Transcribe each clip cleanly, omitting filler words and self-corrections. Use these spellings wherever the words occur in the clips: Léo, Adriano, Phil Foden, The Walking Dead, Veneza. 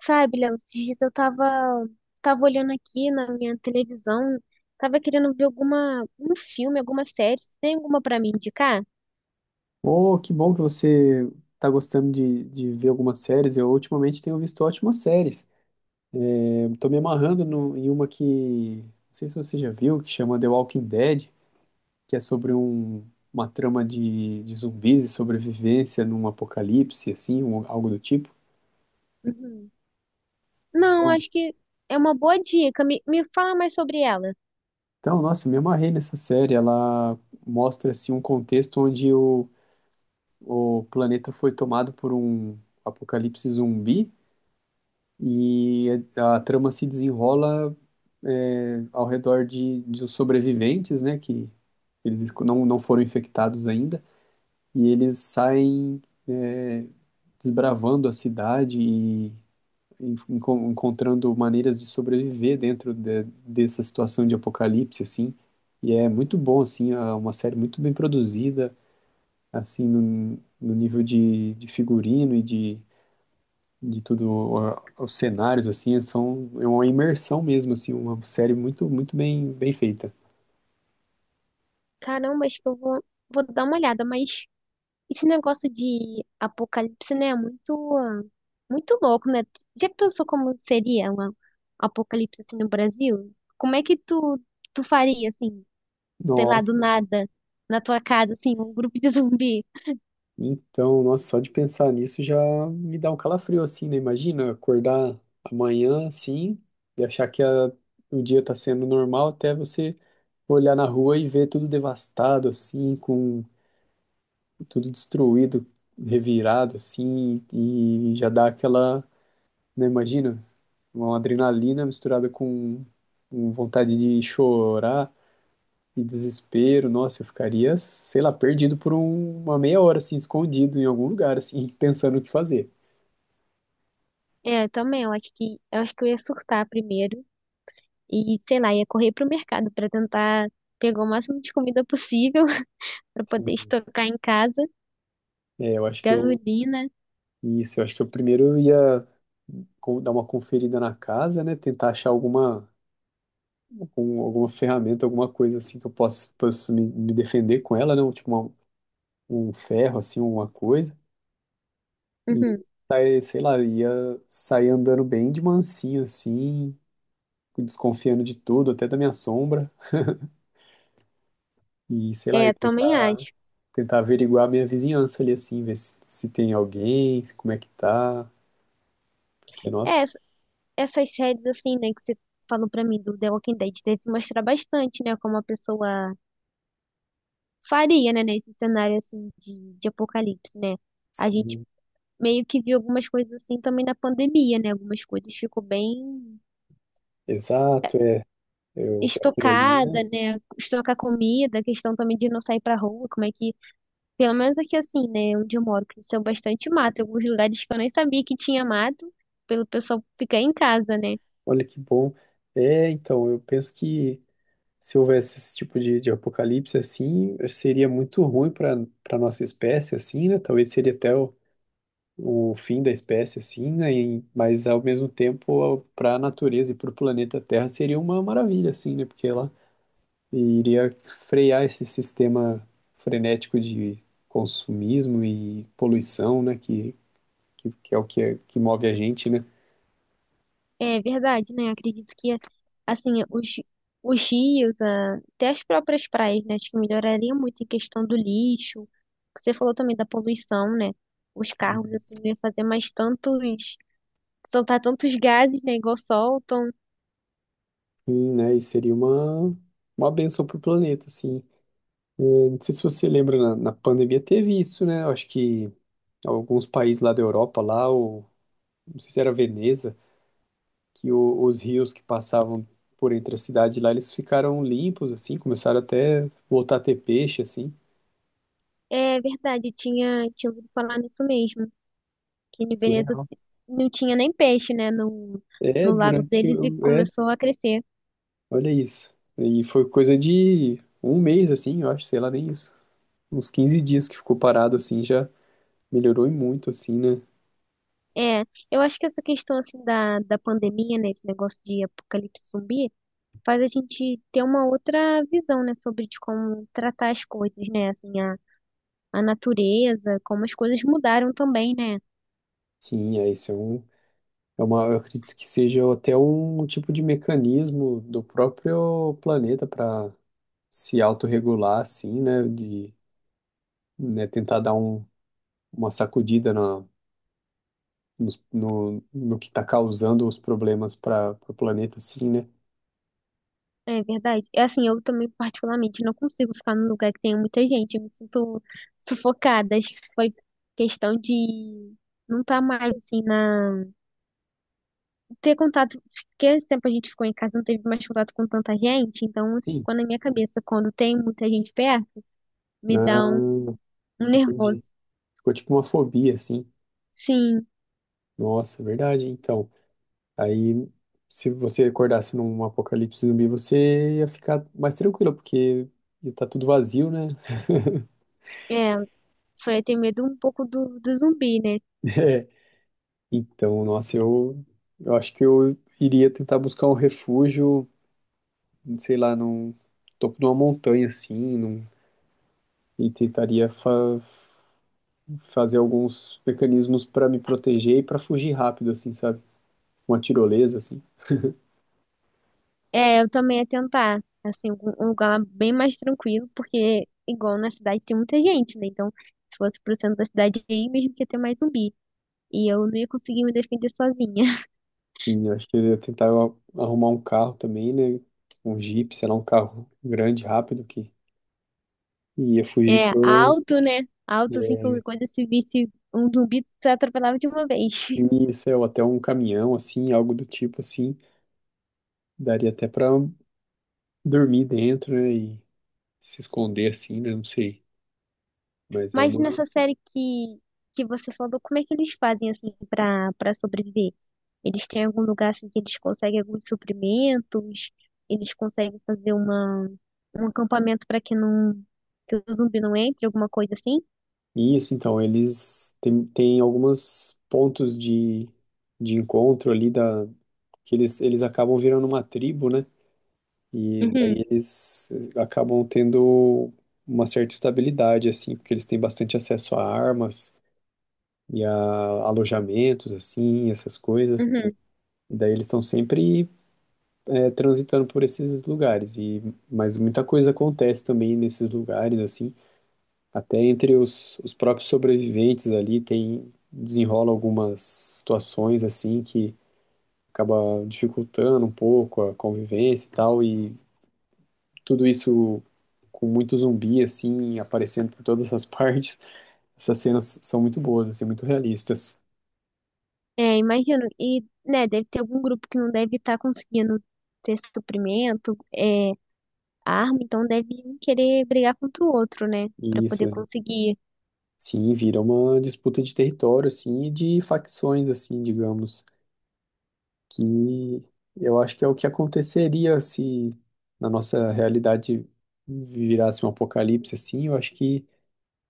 Sabe, Léo, esses dias eu tava olhando aqui na minha televisão, tava querendo ver um filme, alguma série. Você tem alguma pra me indicar? Oh, que bom que você está gostando de ver algumas séries. Eu ultimamente tenho visto ótimas séries. Estou me amarrando em uma que, não sei se você já viu, que chama The Walking Dead, que é sobre uma trama de zumbis e sobrevivência num apocalipse, assim, algo do tipo. Uhum. Não, Então, acho que é uma boa dica. Me fala mais sobre ela. então, nossa, eu me amarrei nessa série. Ela mostra, assim, um contexto onde o planeta foi tomado por um apocalipse zumbi. E a trama se desenrola ao redor de os sobreviventes, né, que eles não foram infectados ainda, e eles saem é, desbravando a cidade e encontrando maneiras de sobreviver dentro dessa situação de apocalipse, assim. E é muito bom, assim, é uma série muito bem produzida, assim, no nível de figurino e de tudo, os cenários, assim, são é uma imersão mesmo, assim, uma série muito, muito bem, bem feita. Caramba, acho que vou dar uma olhada, mas esse negócio de apocalipse, né, é muito louco, né? Já pensou como seria um apocalipse assim no Brasil? Como é que tu faria, assim? Sei lá, do Nossa, nada, na tua casa, assim, um grupo de zumbi. então, nossa, só de pensar nisso já me dá um calafrio, assim, né? Imagina acordar amanhã, assim, e achar que o dia tá sendo normal até você olhar na rua e ver tudo devastado, assim, com tudo destruído, revirado, assim, e já dá aquela, né? Imagina. Uma adrenalina misturada com vontade de chorar e desespero. Nossa, eu ficaria, sei lá, perdido por uma meia hora, assim, escondido em algum lugar, assim, pensando o que fazer. É, também, eu acho que eu ia surtar primeiro e, sei lá, ia correr pro mercado pra tentar pegar o máximo de comida possível pra poder Sim. estocar em casa, É, eu acho que eu. gasolina. Isso, eu acho que eu primeiro ia dar uma conferida na casa, né? Tentar achar alguma ferramenta, alguma coisa assim que eu possa me defender com ela, né? Tipo um ferro, assim, uma coisa. E, Uhum. Sei lá, eu ia sair andando bem de mansinho, assim, desconfiando de tudo, até da minha sombra, e sei lá, É, eu também tentar, acho. tentar averiguar a minha vizinhança ali, assim, ver se tem alguém, como é que tá, porque, É, nossa, ess- Essas séries assim, né, que você falou pra mim do The Walking Dead, deve mostrar bastante, né, como a pessoa faria, né, nesse cenário assim de apocalipse, né? A gente sim, meio que vi algumas coisas assim também na pandemia, né? Algumas coisas ficou bem exato, é, aquilo ali, né? estocada, né? Estocar comida, questão também de não sair pra rua, como é que, pelo menos aqui assim, né, onde eu moro, cresceu bastante mato, em alguns lugares que eu nem sabia que tinha mato, pelo pessoal ficar em casa, né? Olha que bom. É, então, eu penso que se houvesse esse tipo de apocalipse, assim, seria muito ruim para nossa espécie, assim, né? Talvez seria até o fim da espécie, assim, né? Mas ao mesmo tempo, para a natureza e para o planeta Terra seria uma maravilha, assim, né? Porque ela iria frear esse sistema frenético de consumismo e poluição, né? Que é o que, que move a gente, né? É verdade, né? Acredito que assim, os rios, até as próprias praias, né? Acho que melhoraria muito em questão do lixo. Você falou também da poluição, né? Os carros, assim, não ia fazer mais tantos soltar tantos gases, né, igual soltam. E, né? E seria uma benção para o planeta, assim. Eu não sei se você lembra, na pandemia teve isso, né? Eu acho que alguns países lá da Europa, lá, não sei se era Veneza que os rios que passavam por entre a cidade lá, eles ficaram limpos, assim, começaram até voltar a ter peixe, assim. É verdade, tinha ouvido falar nisso mesmo, que em Veneza Surreal. não tinha nem peixe, né, no, É, no lago durante deles e o... É, começou a crescer. olha isso. E foi coisa de um mês, assim, eu acho, sei lá, nem isso. Uns 15 dias que ficou parado, assim, já melhorou e muito, assim, né? É, eu acho que essa questão, assim, da pandemia, né, esse negócio de apocalipse zumbi, faz a gente ter uma outra visão, né, sobre de como tratar as coisas, né, assim, a natureza, como as coisas mudaram também, né. Sim, é isso, é uma, eu acredito que seja até um tipo de mecanismo do próprio planeta para se autorregular, assim, né? De, né, tentar dar uma sacudida na, nos- no, no, que está causando os problemas para o planeta, assim, né? É verdade. É assim, eu também particularmente não consigo ficar num lugar que tenha muita gente. Eu me sinto sufocada. Acho que foi questão de não estar mais assim na ter contato, porque esse tempo a gente ficou em casa, não teve mais contato com tanta gente, então isso Sim. ficou na minha cabeça quando tem muita gente perto, me Ah, dá um, um nervoso. entendi. Ficou tipo uma fobia, assim. Sim, Nossa, verdade. Então, aí, se você acordasse num apocalipse zumbi, você ia ficar mais tranquilo, porque ia tá tudo vazio, né? é, foi ter medo um pouco do zumbi, né? É. Então, nossa, eu acho que eu iria tentar buscar um refúgio, sei lá, num topo de uma montanha, assim, e tentaria fazer alguns mecanismos pra me proteger e pra fugir rápido, assim, sabe? Uma tirolesa, assim. É, eu também ia tentar, assim, um lugar bem mais tranquilo, porque igual na cidade tem muita gente, né? Então, se fosse pro centro da cidade aí, mesmo que ia ter mais zumbi. E eu não ia conseguir me defender sozinha. E eu acho que eu ia tentar arrumar um carro também, né? Um Jeep, sei lá, um carro grande, rápido, que ia fugir É, pro. alto, né? Alto, assim, É, qualquer coisa, se visse um zumbi, se atropelava de uma vez. isso, é, ou até um caminhão, assim, algo do tipo, assim. Daria até pra dormir dentro, né? E se esconder, assim, né? Não sei. Mas é Mas uma. nessa que você falou, como é que eles fazem assim pra para sobreviver? Eles têm algum lugar assim que eles conseguem alguns suprimentos? Eles conseguem fazer uma um acampamento para que o zumbi não entre, alguma coisa assim? Isso, então, eles têm alguns pontos de encontro ali, que eles acabam virando uma tribo, né? E Uhum, daí eles acabam tendo uma certa estabilidade, assim, porque eles têm bastante acesso a armas e a alojamentos, assim, essas coisas. uhum. E daí eles estão sempre transitando por esses lugares. E, mas muita coisa acontece também nesses lugares, assim. Até entre os próprios sobreviventes ali tem desenrola algumas situações assim que acaba dificultando um pouco a convivência e tal, e tudo isso com muito zumbi, assim, aparecendo por todas as partes. Essas cenas são muito boas, assim, muito realistas. É, imagino. E, né, deve ter algum grupo que não deve estar conseguindo ter suprimento, é, arma, então deve um querer brigar contra o outro, né, E pra isso, poder conseguir. sim, vira uma disputa de território, assim, e de facções, assim, digamos, que eu acho que é o que aconteceria se na nossa realidade virasse um apocalipse, assim, eu acho que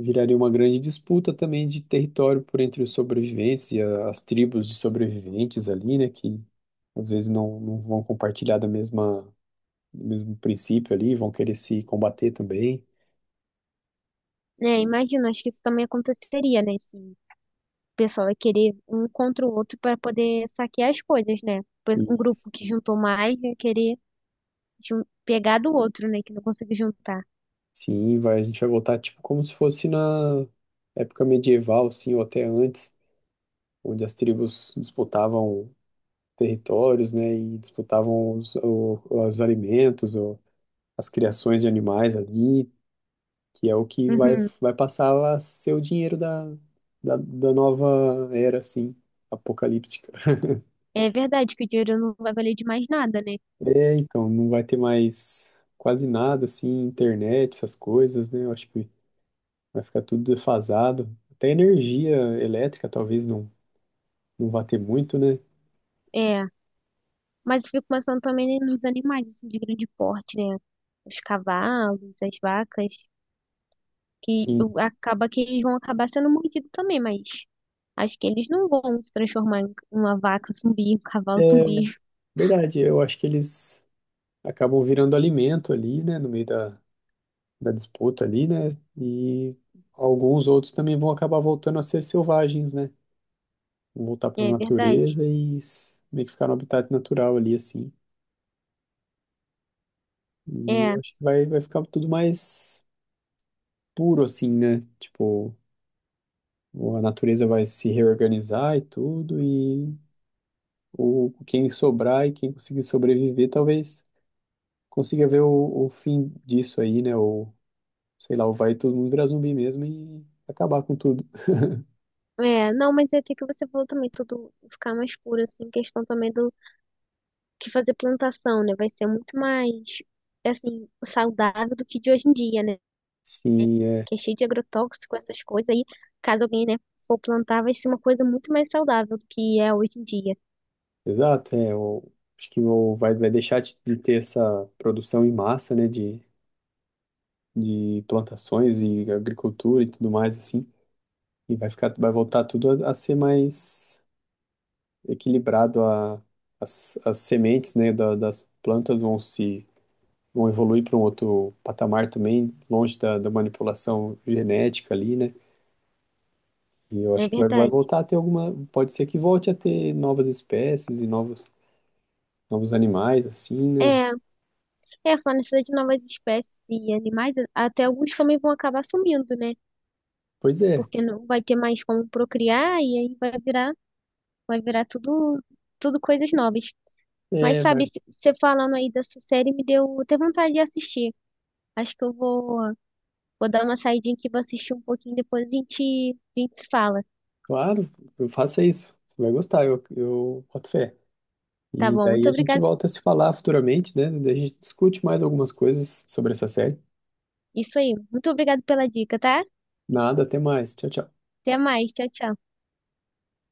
viraria uma grande disputa também de território por entre os sobreviventes e as tribos de sobreviventes ali, né, que às vezes não vão compartilhar do mesmo princípio ali, vão querer se combater também. Né, imagino, acho que isso também aconteceria, né, se pessoal vai querer um contra o outro para poder saquear as coisas, né? Pois E, um grupo que juntou mais vai querer pegar do outro, né? Que não conseguiu juntar. sim, vai, a gente vai voltar tipo como se fosse na época medieval, assim, ou até antes, onde as tribos disputavam territórios, né, e disputavam os alimentos, ou as criações de animais ali. Que é o que vai, Uhum. vai passar a ser o dinheiro da nova era, assim, apocalíptica. É verdade que o dinheiro não vai valer de mais nada, né? É, então, não vai ter mais quase nada, assim, internet, essas coisas, né? Eu acho que vai ficar tudo defasado. Até energia elétrica talvez não, não vá ter muito, né? É. Mas eu fico pensando também nos animais, assim, de grande porte, né? Os cavalos, as vacas, Sim, acaba que eles vão acabar sendo mordidos também, mas acho que eles não vão se transformar em uma vaca zumbi, um cavalo é zumbi. verdade. Eu acho que eles acabam virando alimento ali, né? No meio da disputa ali, né? E alguns outros também vão acabar voltando a ser selvagens, né? Voltar para a É verdade. natureza e meio que ficar no habitat natural ali, assim. E É. eu acho que vai ficar tudo mais puro, assim, né? Tipo, a natureza vai se reorganizar e tudo, e quem sobrar e quem conseguir sobreviver, talvez consiga ver o fim disso aí, né? Ou, sei lá, ou vai todo mundo virar zumbi mesmo e acabar com tudo. É, não, mas é até que você falou também, tudo ficar mais puro, assim, questão também do que fazer plantação, né? Vai ser muito mais, assim, saudável do que de hoje em dia, né? Sim, é. Que é cheio de agrotóxico, essas coisas aí. Caso alguém, né, for plantar, vai ser uma coisa muito mais saudável do que é hoje em dia. Exato, é. Acho que vai deixar de ter essa produção em massa, né? De plantações e agricultura e tudo mais assim, e vai voltar tudo a ser mais equilibrado, as sementes, né, das plantas vão se vão evoluir para um outro patamar também, longe da manipulação genética ali, né? E eu É acho que vai verdade. voltar a ter pode ser que volte a ter novas espécies e novos animais assim, né? É, falando isso de novas espécies e animais, até alguns também vão acabar sumindo, né? Pois é, Porque não vai ter mais como procriar e aí vai virar tudo coisas novas. Mas é, sabe, vai, você falando aí dessa série me deu até vontade de assistir. Acho que vou dar uma saidinha aqui, vou assistir um pouquinho, depois a gente se fala. claro, eu faça isso. Você vai gostar, eu boto fé. Tá E bom? daí Muito a gente obrigada. volta a se falar futuramente, né? Daí a gente discute mais algumas coisas sobre essa série. Isso aí. Muito obrigada pela dica, tá? Nada, até mais. Tchau, tchau. Até mais. Tchau, tchau.